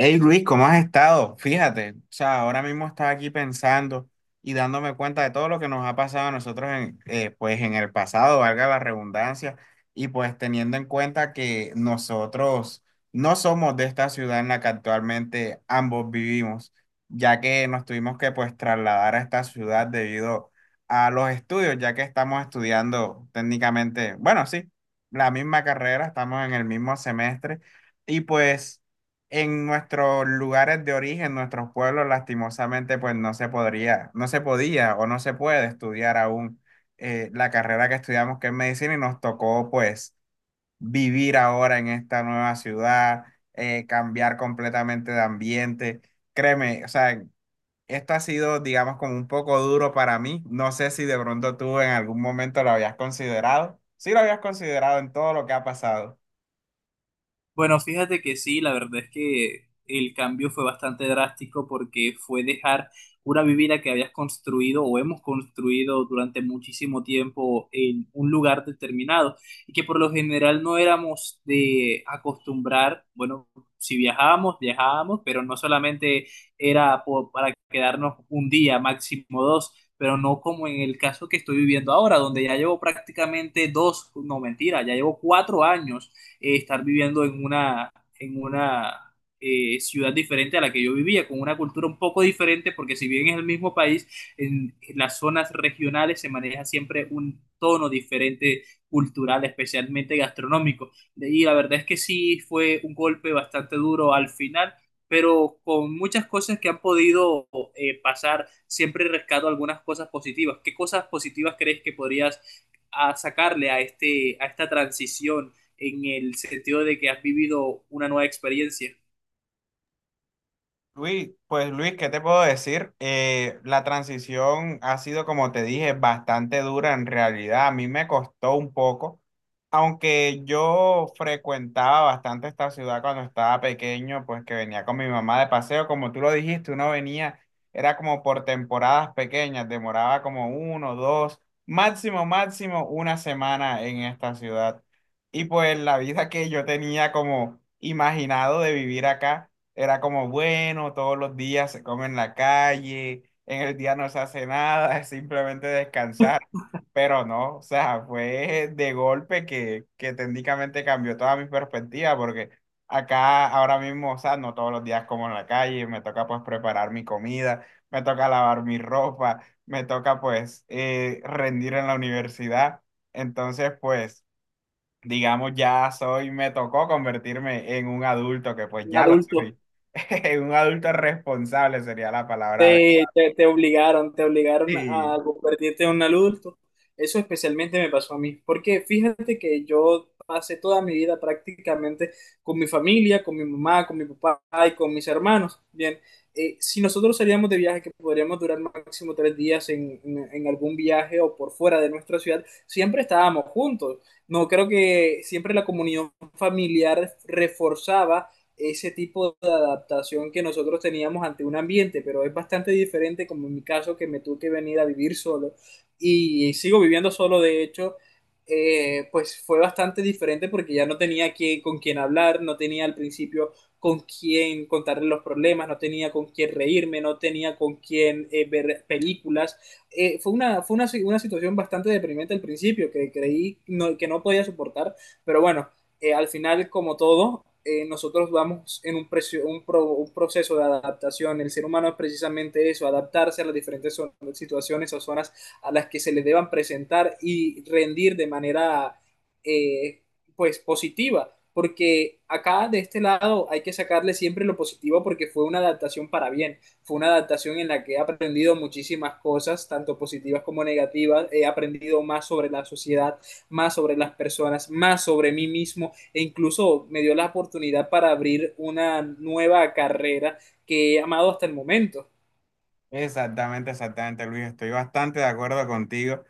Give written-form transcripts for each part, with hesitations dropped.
Hey Luis, ¿cómo has estado? Fíjate, o sea, ahora mismo estaba aquí pensando y dándome cuenta de todo lo que nos ha pasado a nosotros en, pues en el pasado, valga la redundancia, y pues teniendo en cuenta que nosotros no somos de esta ciudad en la que actualmente ambos vivimos, ya que nos tuvimos que pues trasladar a esta ciudad debido a los estudios, ya que estamos estudiando técnicamente, bueno, sí, la misma carrera, estamos en el mismo semestre y pues en nuestros lugares de origen, nuestros pueblos, lastimosamente, pues no se podría, no se podía o no se puede estudiar aún la carrera que estudiamos, que es medicina, y nos tocó pues vivir ahora en esta nueva ciudad, cambiar completamente de ambiente. Créeme, o sea, esto ha sido, digamos, como un poco duro para mí. No sé si de pronto tú en algún momento lo habías considerado. Sí lo habías considerado en todo lo que ha pasado. Bueno, fíjate que sí, la verdad es que el cambio fue bastante drástico porque fue dejar una vivienda que habías construido o hemos construido durante muchísimo tiempo en un lugar determinado y que por lo general no éramos de acostumbrar, bueno, si viajábamos, viajábamos, pero no solamente era para quedarnos un día, máximo dos. Pero no como en el caso que estoy viviendo ahora, donde ya llevo prácticamente dos, no mentira, ya llevo 4 años estar viviendo en una, en una ciudad diferente a la que yo vivía, con una cultura un poco diferente, porque si bien es el mismo país, en las zonas regionales se maneja siempre un tono diferente cultural, especialmente gastronómico. Y la verdad es que sí fue un golpe bastante duro al final, pero con muchas cosas que han podido pasar, siempre rescato algunas cosas positivas. ¿Qué cosas positivas crees que podrías sacarle a, este, a esta transición en el sentido de que has vivido una nueva experiencia? Luis, pues Luis, ¿qué te puedo decir? La transición ha sido, como te dije, bastante dura en realidad. A mí me costó un poco, aunque yo frecuentaba bastante esta ciudad cuando estaba pequeño, pues que venía con mi mamá de paseo, como tú lo dijiste, uno venía, era como por temporadas pequeñas, demoraba como uno, dos, máximo, máximo una semana en esta ciudad. Y pues la vida que yo tenía como imaginado de vivir acá era como, bueno, todos los días se come en la calle, en el día no se hace nada, es simplemente descansar. Pero no, o sea, fue de golpe que técnicamente cambió toda mi perspectiva, porque acá ahora mismo, o sea, no todos los días como en la calle, me toca pues preparar mi comida, me toca lavar mi ropa, me toca pues rendir en la universidad. Entonces, pues digamos, me tocó convertirme en un adulto, que pues Un ya lo adulto. soy. un adulto responsable sería la palabra Te, adecuada. te, te obligaron, te obligaron a Sí. convertirte en un adulto. Eso especialmente me pasó a mí, porque fíjate que yo pasé toda mi vida prácticamente con mi familia, con mi mamá, con mi papá y con mis hermanos. Bien, si nosotros salíamos de viaje, que podríamos durar máximo 3 días en algún viaje o por fuera de nuestra ciudad, siempre estábamos juntos. No creo que siempre la comunión familiar reforzaba ese tipo de adaptación que nosotros teníamos ante un ambiente, pero es bastante diferente como en mi caso, que me tuve que venir a vivir solo y sigo viviendo solo, de hecho. Pues fue bastante diferente, porque ya no tenía con quién hablar, no tenía al principio con quién contarle los problemas, no tenía con quién reírme, no tenía con quién ver películas. Fue una, si- una situación bastante deprimente al principio, que creí no- que no podía soportar, pero bueno, al final, como todo, nosotros vamos en un proceso de adaptación. El ser humano es precisamente eso, adaptarse a las diferentes situaciones o zonas a las que se le deban presentar, y rendir de manera eh, pues positiva. Porque acá de este lado hay que sacarle siempre lo positivo, porque fue una adaptación para bien. Fue una adaptación en la que he aprendido muchísimas cosas, tanto positivas como negativas. He aprendido más sobre la sociedad, más sobre las personas, más sobre mí mismo, e incluso me dio la oportunidad para abrir una nueva carrera que he amado hasta el momento. Exactamente, exactamente, Luis. Estoy bastante de acuerdo contigo.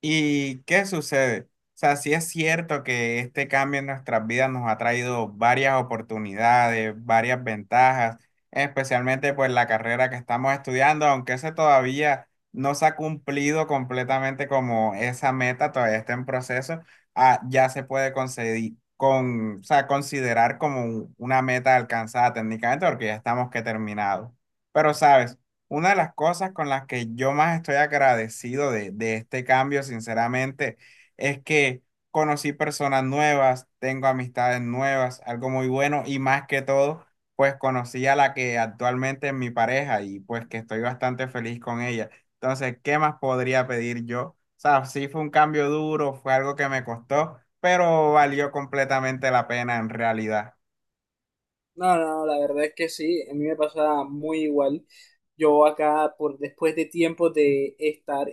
¿Y qué sucede? O sea, sí es cierto que este cambio en nuestras vidas nos ha traído varias oportunidades, varias ventajas, especialmente pues la carrera que estamos estudiando, aunque ese todavía no se ha cumplido completamente como esa meta, todavía está en proceso, ya se puede considerar como una meta alcanzada técnicamente porque ya estamos que terminados. Pero sabes. Una de las cosas con las que yo más estoy agradecido de este cambio, sinceramente, es que conocí personas nuevas, tengo amistades nuevas, algo muy bueno y más que todo, pues conocí a la que actualmente es mi pareja y pues que estoy bastante feliz con ella. Entonces, ¿qué más podría pedir yo? O sea, sí fue un cambio duro, fue algo que me costó, pero valió completamente la pena en realidad. No, no, no, la verdad es que sí, a mí me pasa muy igual. Yo acá, por después de tiempo de estar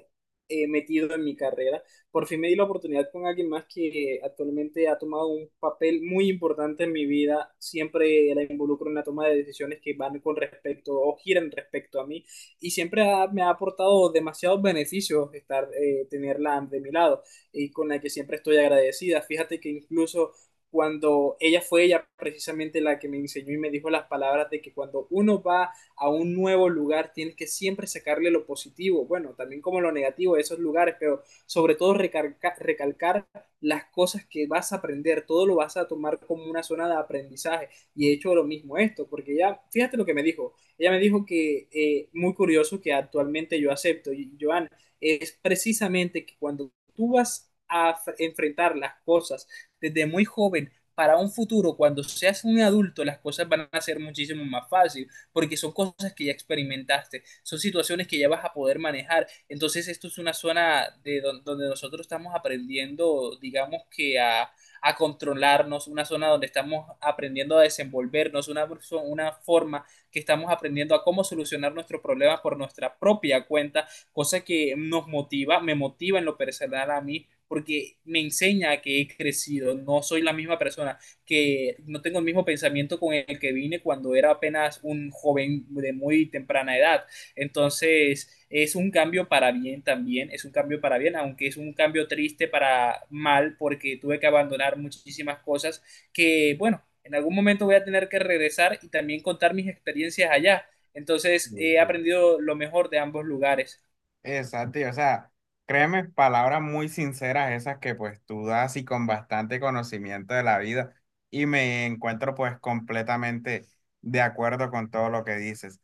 metido en mi carrera, por fin me di la oportunidad con alguien más que actualmente ha tomado un papel muy importante en mi vida. Siempre la involucro en la toma de decisiones que van con respecto o giran respecto a mí, y me ha aportado demasiados beneficios estar, tenerla de mi lado y con la que siempre estoy agradecida. Fíjate que incluso cuando ella fue ella precisamente la que me enseñó y me dijo las palabras de que cuando uno va a un nuevo lugar, tienes que siempre sacarle lo positivo, bueno, también como lo negativo de esos lugares, pero sobre todo recalcar las cosas que vas a aprender, todo lo vas a tomar como una zona de aprendizaje. Y he hecho lo mismo esto, porque ella, fíjate lo que me dijo, ella me dijo que muy curioso que actualmente yo acepto, y Joan, es precisamente que cuando tú vas a enfrentar las cosas desde muy joven para un futuro, cuando seas un adulto, las cosas van a ser muchísimo más fácil, porque son cosas que ya experimentaste, son situaciones que ya vas a poder manejar. Entonces, esto es una zona donde nosotros estamos aprendiendo, digamos, que a controlarnos, una zona donde estamos aprendiendo a desenvolvernos, una forma que estamos aprendiendo a cómo solucionar nuestros problemas por nuestra propia cuenta, cosa que nos motiva, me motiva en lo personal a mí, porque me enseña que he crecido, no soy la misma persona, que no tengo el mismo pensamiento con el que vine cuando era apenas un joven de muy temprana edad. Entonces, es un cambio para bien también, es un cambio para bien, aunque es un cambio triste para mal, porque tuve que abandonar muchísimas cosas que, bueno, en algún momento voy a tener que regresar y también contar mis experiencias allá. Entonces, Sí, he sí. aprendido lo mejor de ambos lugares. Exacto, y o sea, créeme, palabras muy sinceras esas que pues tú das y con bastante conocimiento de la vida y me encuentro pues completamente de acuerdo con todo lo que dices.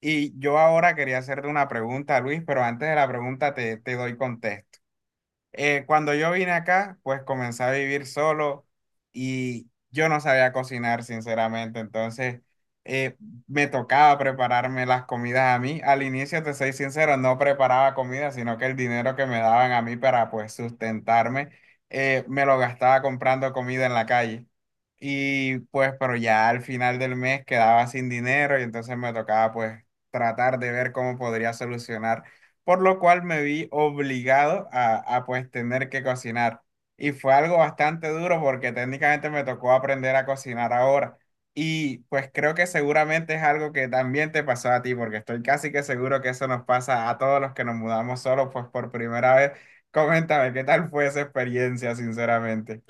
Y yo ahora quería hacerte una pregunta, Luis, pero antes de la pregunta te doy contexto. Cuando yo vine acá, pues comencé a vivir solo y yo no sabía cocinar, sinceramente. Entonces, eh, me tocaba prepararme las comidas a mí. Al inicio, te soy sincero, no preparaba comida, sino que el dinero que me daban a mí para pues sustentarme, me lo gastaba comprando comida en la calle. Y pues, pero ya al final del mes quedaba sin dinero y entonces me tocaba pues tratar de ver cómo podría solucionar por lo cual me vi obligado a pues tener que cocinar. Y fue algo bastante duro porque técnicamente me tocó aprender a cocinar ahora. Y pues creo que seguramente es algo que también te pasó a ti, porque estoy casi que seguro que eso nos pasa a todos los que nos mudamos solos, pues por primera vez. Coméntame, ¿qué tal fue esa experiencia, sinceramente?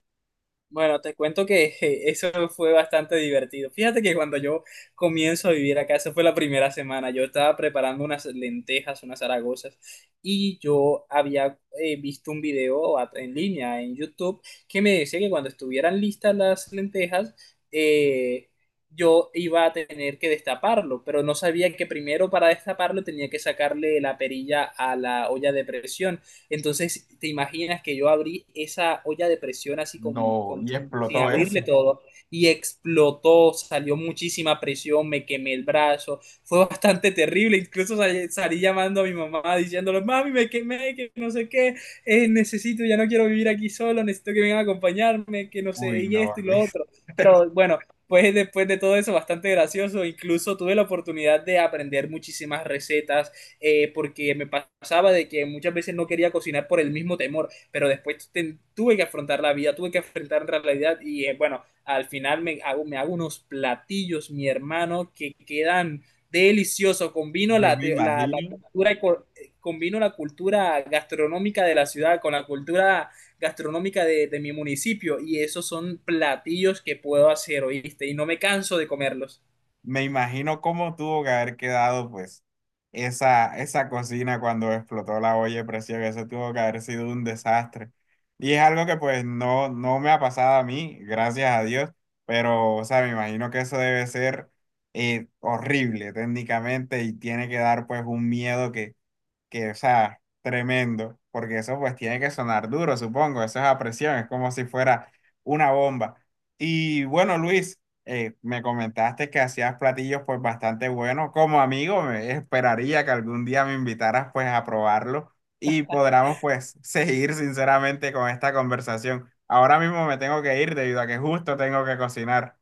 Bueno, te cuento que je, eso fue bastante divertido. Fíjate que cuando yo comienzo a vivir acá, esa fue la primera semana, yo estaba preparando unas lentejas, unas zaragozas, y yo había visto un video en línea en YouTube que me decía que cuando estuvieran listas las lentejas, eh, yo iba a tener que destaparlo, pero no sabía que primero, para destaparlo, tenía que sacarle la perilla a la olla de presión. Entonces, te imaginas que yo abrí esa olla de presión así No, y sin explotó abrirle eso. todo, y explotó, salió muchísima presión, me quemé el brazo, fue bastante terrible, incluso salí llamando a mi mamá diciéndole: mami, me quemé, que no sé qué, necesito, ya no quiero vivir aquí solo, necesito que vengan a acompañarme, que no sé, Uy, y no, esto y lo Luis. otro. Pero bueno, pues después de todo eso, bastante gracioso, incluso tuve la oportunidad de aprender muchísimas recetas, porque me pasaba de que muchas veces no quería cocinar por el mismo temor, pero después tuve que afrontar la vida, tuve que afrontar la realidad y bueno, al final me hago unos platillos, mi hermano, que quedan deliciosos, combino Yo me la imagino. cultura combino la cultura gastronómica de la ciudad con la cultura gastronómica de mi municipio, y esos son platillos que puedo hacer, oíste, y no me canso de comerlos. Me imagino cómo tuvo que haber quedado, pues, esa cocina cuando explotó la olla de presión. Eso tuvo que haber sido un desastre. Y es algo que, pues, no, no me ha pasado a mí, gracias a Dios. Pero, o sea, me imagino que eso debe ser horrible técnicamente y tiene que dar, pues, un miedo que, o sea, tremendo, porque eso pues tiene que sonar duro, supongo, eso es a presión, es como si fuera una bomba. Y bueno, Luis, me comentaste que hacías platillos pues bastante buenos, como amigo, me esperaría que algún día me invitaras pues a probarlo y podamos pues seguir sinceramente con esta conversación. Ahora mismo me tengo que ir debido a que justo tengo que cocinar.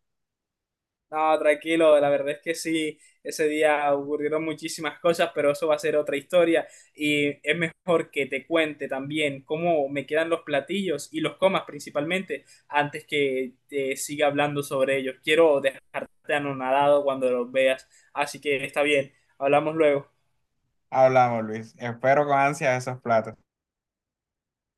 No, tranquilo, la verdad es que sí, ese día ocurrieron muchísimas cosas, pero eso va a ser otra historia, y es mejor que te cuente también cómo me quedan los platillos y los comas principalmente antes que te siga hablando sobre ellos. Quiero dejarte anonadado cuando los veas, así que está bien, hablamos luego. Hablamos, Luis. Espero con ansia esos platos.